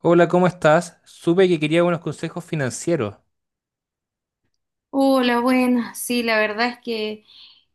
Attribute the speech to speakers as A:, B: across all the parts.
A: Hola, ¿cómo estás? Supe que quería unos consejos financieros.
B: Hola, buenas. Sí, la verdad es que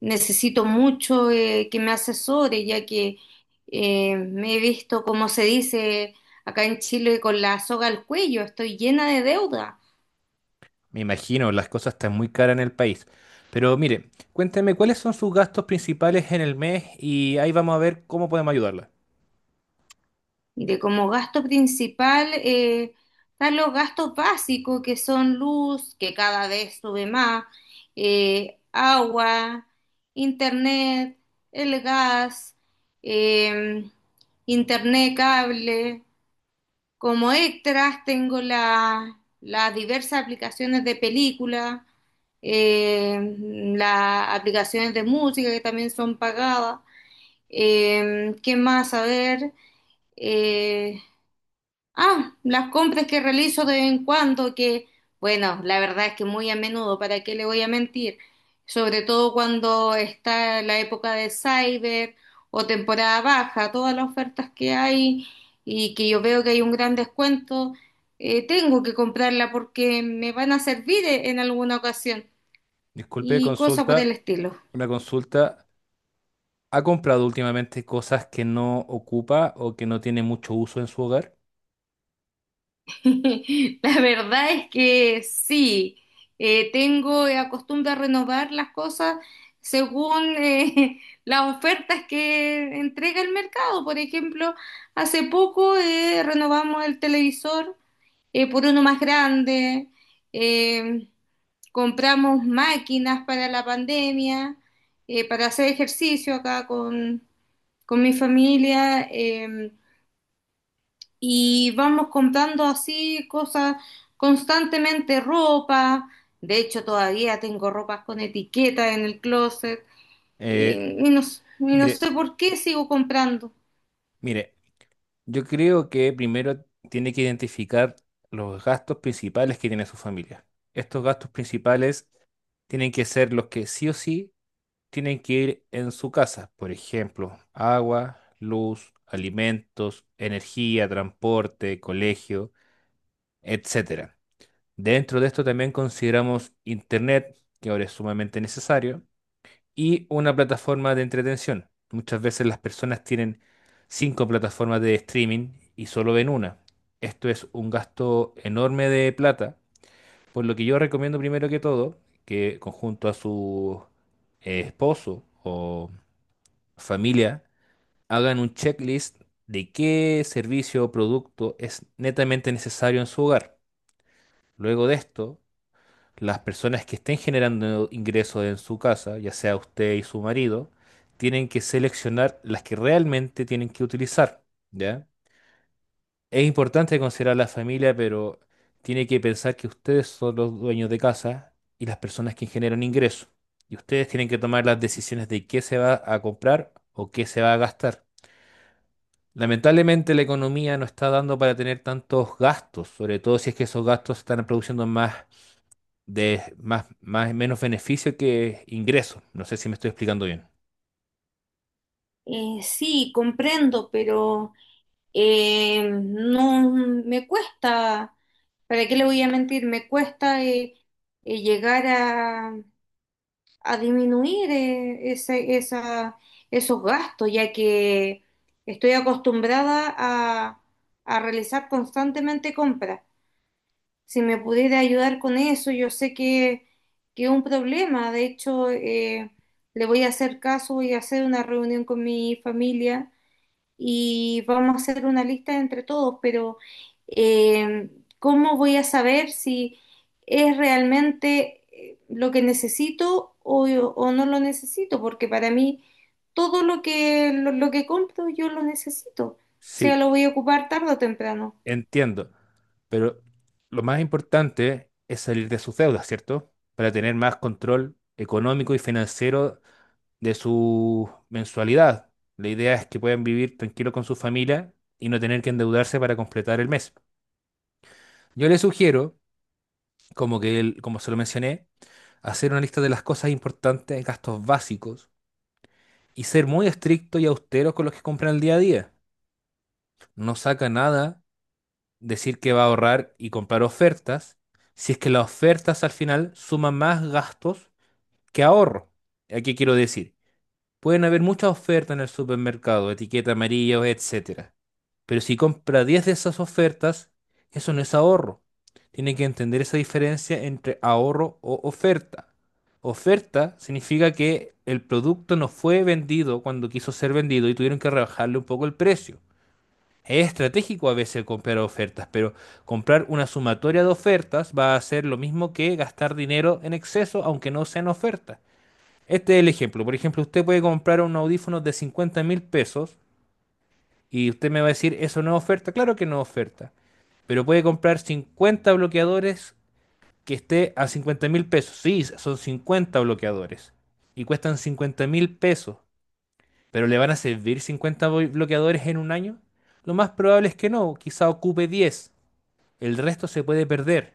B: necesito mucho que me asesore, ya que me he visto, como se dice acá en Chile, con la soga al cuello. Estoy llena de deuda.
A: Me imagino, las cosas están muy caras en el país. Pero mire, cuénteme cuáles son sus gastos principales en el mes y ahí vamos a ver cómo podemos ayudarla.
B: De como gasto principal están los gastos básicos, que son luz, que cada vez sube más, agua, internet, el gas, eh, internet, cable. Como extras tengo las diversas aplicaciones de película, eh, las aplicaciones de música que también son pagadas. ¿Qué más? A ver, eh, ah, las compras que realizo de vez en cuando, que bueno, la verdad es que muy a menudo, ¿para qué le voy a mentir? Sobre todo cuando está la época de Cyber o temporada baja, todas las ofertas que hay y que yo veo que hay un gran descuento, tengo que comprarla porque me van a servir en alguna ocasión
A: Disculpe,
B: y cosas por
A: consulta,
B: el estilo.
A: una consulta. ¿Ha comprado últimamente cosas que no ocupa o que no tiene mucho uso en su hogar?
B: La verdad es que sí, tengo la costumbre de renovar las cosas según las ofertas que entrega el mercado. Por ejemplo, hace poco renovamos el televisor por uno más grande, eh, compramos máquinas para la pandemia, para hacer ejercicio acá con mi familia. Y vamos comprando así cosas constantemente, ropa. De hecho, todavía tengo ropas con etiqueta en el closet y,
A: Eh,
B: y no
A: mire,
B: sé por qué sigo comprando.
A: mire, yo creo que primero tiene que identificar los gastos principales que tiene su familia. Estos gastos principales tienen que ser los que sí o sí tienen que ir en su casa. Por ejemplo, agua, luz, alimentos, energía, transporte, colegio, etcétera. Dentro de esto también consideramos internet, que ahora es sumamente necesario, y una plataforma de entretención. Muchas veces las personas tienen cinco plataformas de streaming y solo ven una. Esto es un gasto enorme de plata, por lo que yo recomiendo primero que todo que conjunto a su esposo o familia hagan un checklist de qué servicio o producto es netamente necesario en su hogar. Luego de esto, las personas que estén generando ingresos en su casa, ya sea usted y su marido, tienen que seleccionar las que realmente tienen que utilizar, ¿ya? Es importante considerar la familia, pero tiene que pensar que ustedes son los dueños de casa y las personas que generan ingresos. Y ustedes tienen que tomar las decisiones de qué se va a comprar o qué se va a gastar. Lamentablemente la economía no está dando para tener tantos gastos, sobre todo si es que esos gastos están produciendo más de más, más menos beneficio que ingreso. No sé si me estoy explicando bien.
B: Sí, comprendo, pero no me cuesta, ¿para qué le voy a mentir? Me cuesta llegar a disminuir esos gastos, ya que estoy acostumbrada a realizar constantemente compras. Si me pudiera ayudar con eso, yo sé que es un problema. De hecho, le voy a hacer caso, voy a hacer una reunión con mi familia y vamos a hacer una lista entre todos, pero eh, ¿cómo voy a saber si es realmente lo que necesito o no lo necesito? Porque para mí todo lo que, lo que compro yo lo necesito, o sea,
A: Sí,
B: lo voy a ocupar tarde o temprano.
A: entiendo, pero lo más importante es salir de sus deudas, ¿cierto? Para tener más control económico y financiero de su mensualidad. La idea es que puedan vivir tranquilo con su familia y no tener que endeudarse para completar el mes. Yo le sugiero, como que como se lo mencioné, hacer una lista de las cosas importantes, gastos básicos y ser muy estricto y austero con los que compran el día a día. No saca nada decir que va a ahorrar y comprar ofertas, si es que las ofertas al final suman más gastos que ahorro. ¿A qué quiero decir? Pueden haber muchas ofertas en el supermercado, etiqueta amarillo, etcétera. Pero si compra 10 de esas ofertas, eso no es ahorro. Tiene que entender esa diferencia entre ahorro o oferta. Oferta significa que el producto no fue vendido cuando quiso ser vendido y tuvieron que rebajarle un poco el precio. Es estratégico a veces comprar ofertas, pero comprar una sumatoria de ofertas va a ser lo mismo que gastar dinero en exceso, aunque no sean ofertas. Este es el ejemplo. Por ejemplo, usted puede comprar un audífono de 50.000 pesos y usted me va a decir, ¿eso no es oferta? Claro que no es oferta. Pero puede comprar 50 bloqueadores que esté a 50.000 pesos. Sí, son 50 bloqueadores. Y cuestan 50.000 pesos. ¿Pero le van a servir 50 bloqueadores en un año? Lo más probable es que no, quizá ocupe 10. El resto se puede perder.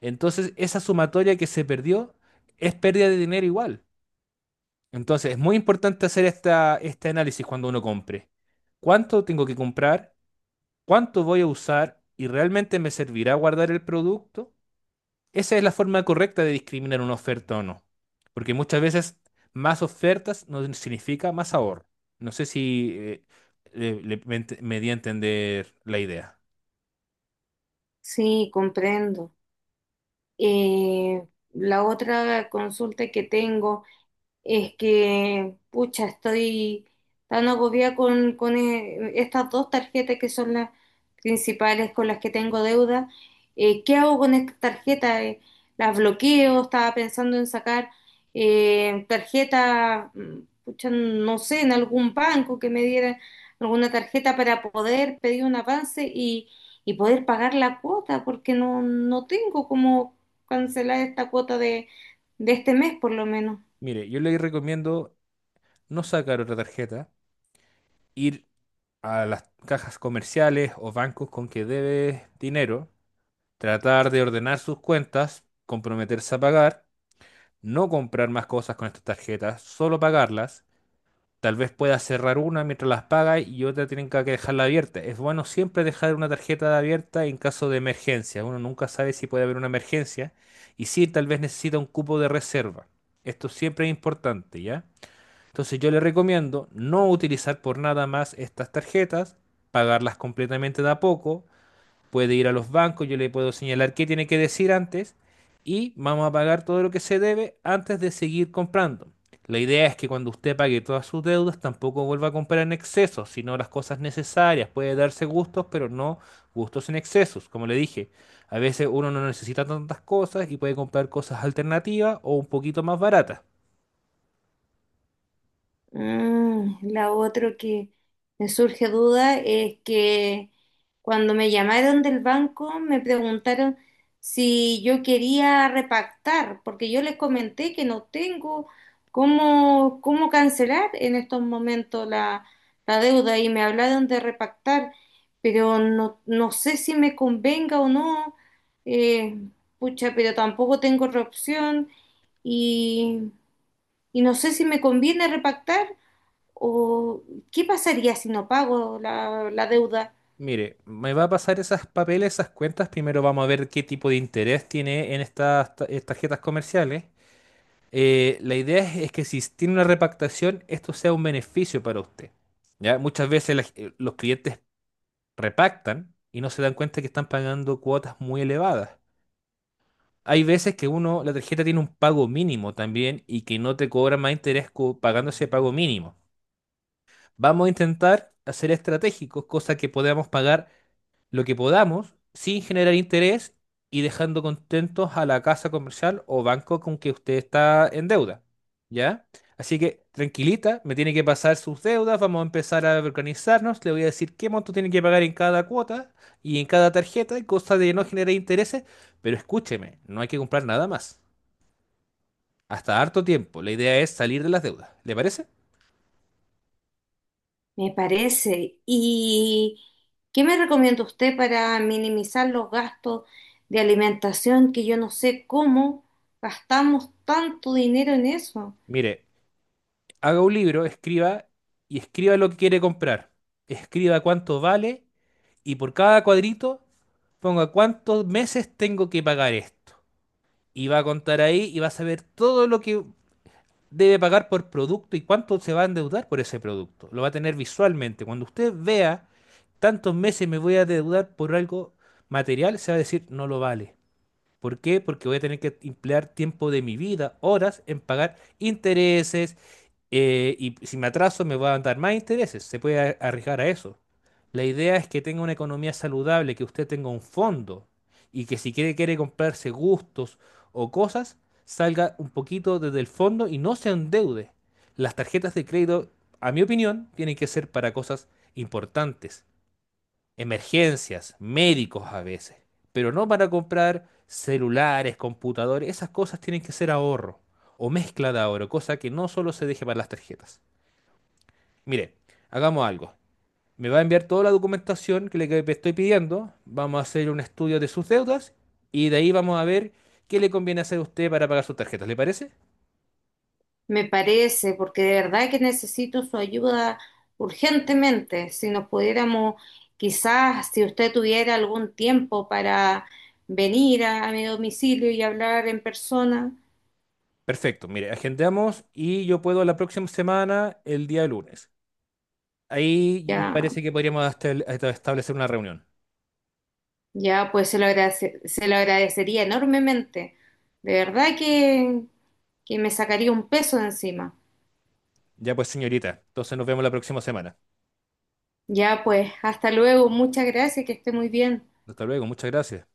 A: Entonces, esa sumatoria que se perdió es pérdida de dinero igual. Entonces, es muy importante hacer este análisis cuando uno compre. ¿Cuánto tengo que comprar? ¿Cuánto voy a usar? ¿Y realmente me servirá guardar el producto? Esa es la forma correcta de discriminar una oferta o no. Porque muchas veces más ofertas no significa más ahorro. No sé si me di a entender la idea.
B: Sí, comprendo. Eh, la otra consulta que tengo... Es que, pucha, estoy tan agobiada con estas dos tarjetas que son las principales con las que tengo deuda. ¿Qué hago con estas tarjetas? ¿Las bloqueo? Estaba pensando en sacar tarjeta, pucha, no sé, en algún banco que me diera alguna tarjeta para poder pedir un avance y poder pagar la cuota, porque no, no tengo cómo cancelar esta cuota de este mes por lo menos.
A: Mire, yo le recomiendo no sacar otra tarjeta, ir a las cajas comerciales o bancos con que debe dinero, tratar de ordenar sus cuentas, comprometerse a pagar, no comprar más cosas con estas tarjetas, solo pagarlas. Tal vez puedas cerrar una mientras las pagas y otra tienen que dejarla abierta. Es bueno siempre dejar una tarjeta abierta en caso de emergencia. Uno nunca sabe si puede haber una emergencia y si tal vez necesita un cupo de reserva. Esto siempre es importante, ¿ya? Entonces yo le recomiendo no utilizar por nada más estas tarjetas, pagarlas completamente de a poco, puede ir a los bancos, yo le puedo señalar qué tiene que decir antes y vamos a pagar todo lo que se debe antes de seguir comprando. La idea es que cuando usted pague todas sus deudas tampoco vuelva a comprar en exceso, sino las cosas necesarias. Puede darse gustos, pero no gustos en excesos. Como le dije, a veces uno no necesita tantas cosas y puede comprar cosas alternativas o un poquito más baratas.
B: Mm, la otra que me surge duda es que cuando me llamaron del banco me preguntaron si yo quería repactar, porque yo les comenté que no tengo cómo, cómo cancelar en estos momentos la, la deuda y me hablaron de repactar, pero no, no sé si me convenga o no, eh, pucha, pero tampoco tengo otra opción y, y no sé si me conviene repactar. ¿O qué pasaría si no pago la, la deuda?
A: Mire, me va a pasar esas papeles, esas cuentas. Primero vamos a ver qué tipo de interés tiene en estas tarjetas comerciales. La idea es que si tiene una repactación, esto sea un beneficio para usted. ¿Ya? Muchas veces los clientes repactan y no se dan cuenta que están pagando cuotas muy elevadas. Hay veces que uno, la tarjeta tiene un pago mínimo también y que no te cobra más interés pagando ese pago mínimo. Vamos a intentar hacer estratégicos, cosa que podamos pagar lo que podamos sin generar interés y dejando contentos a la casa comercial o banco con que usted está en deuda, ¿ya? Así que tranquilita, me tiene que pasar sus deudas, vamos a empezar a organizarnos, le voy a decir qué monto tiene que pagar en cada cuota y en cada tarjeta, cosa de no generar intereses, pero escúcheme, no hay que comprar nada más. Hasta harto tiempo, la idea es salir de las deudas, ¿le parece?
B: Me parece. ¿Y qué me recomienda usted para minimizar los gastos de alimentación que yo no sé cómo gastamos tanto dinero en eso?
A: Mire, haga un libro, escriba y escriba lo que quiere comprar. Escriba cuánto vale y por cada cuadrito ponga cuántos meses tengo que pagar esto. Y va a contar ahí y va a saber todo lo que debe pagar por producto y cuánto se va a endeudar por ese producto. Lo va a tener visualmente. Cuando usted vea tantos meses me voy a endeudar por algo material, se va a decir no lo vale. ¿Por qué? Porque voy a tener que emplear tiempo de mi vida, horas, en pagar intereses y si me atraso me va a dar más intereses, se puede arriesgar a eso. La idea es que tenga una economía saludable, que usted tenga un fondo y que si quiere, quiere comprarse gustos o cosas, salga un poquito desde el fondo y no se endeude. Las tarjetas de crédito, a mi opinión, tienen que ser para cosas importantes, emergencias, médicos a veces, pero no para comprar celulares, computadores, esas cosas tienen que ser ahorro o mezcla de ahorro, cosa que no solo se deje para las tarjetas. Mire, hagamos algo. Me va a enviar toda la documentación que le que estoy pidiendo. Vamos a hacer un estudio de sus deudas y de ahí vamos a ver qué le conviene hacer a usted para pagar sus tarjetas. ¿Le parece?
B: Me parece, porque de verdad que necesito su ayuda urgentemente. Si nos pudiéramos, quizás, si usted tuviera algún tiempo para venir a mi domicilio y hablar en persona,
A: Perfecto. Mire, agendamos y yo puedo la próxima semana, el día lunes. Ahí me
B: ya.
A: parece que podríamos hasta establecer una reunión.
B: Ya, pues se lo agradecería enormemente. De verdad que me sacaría un peso de encima.
A: Ya pues, señorita. Entonces nos vemos la próxima semana.
B: Ya, pues, hasta luego. Muchas gracias, que esté muy bien.
A: Hasta luego. Muchas gracias.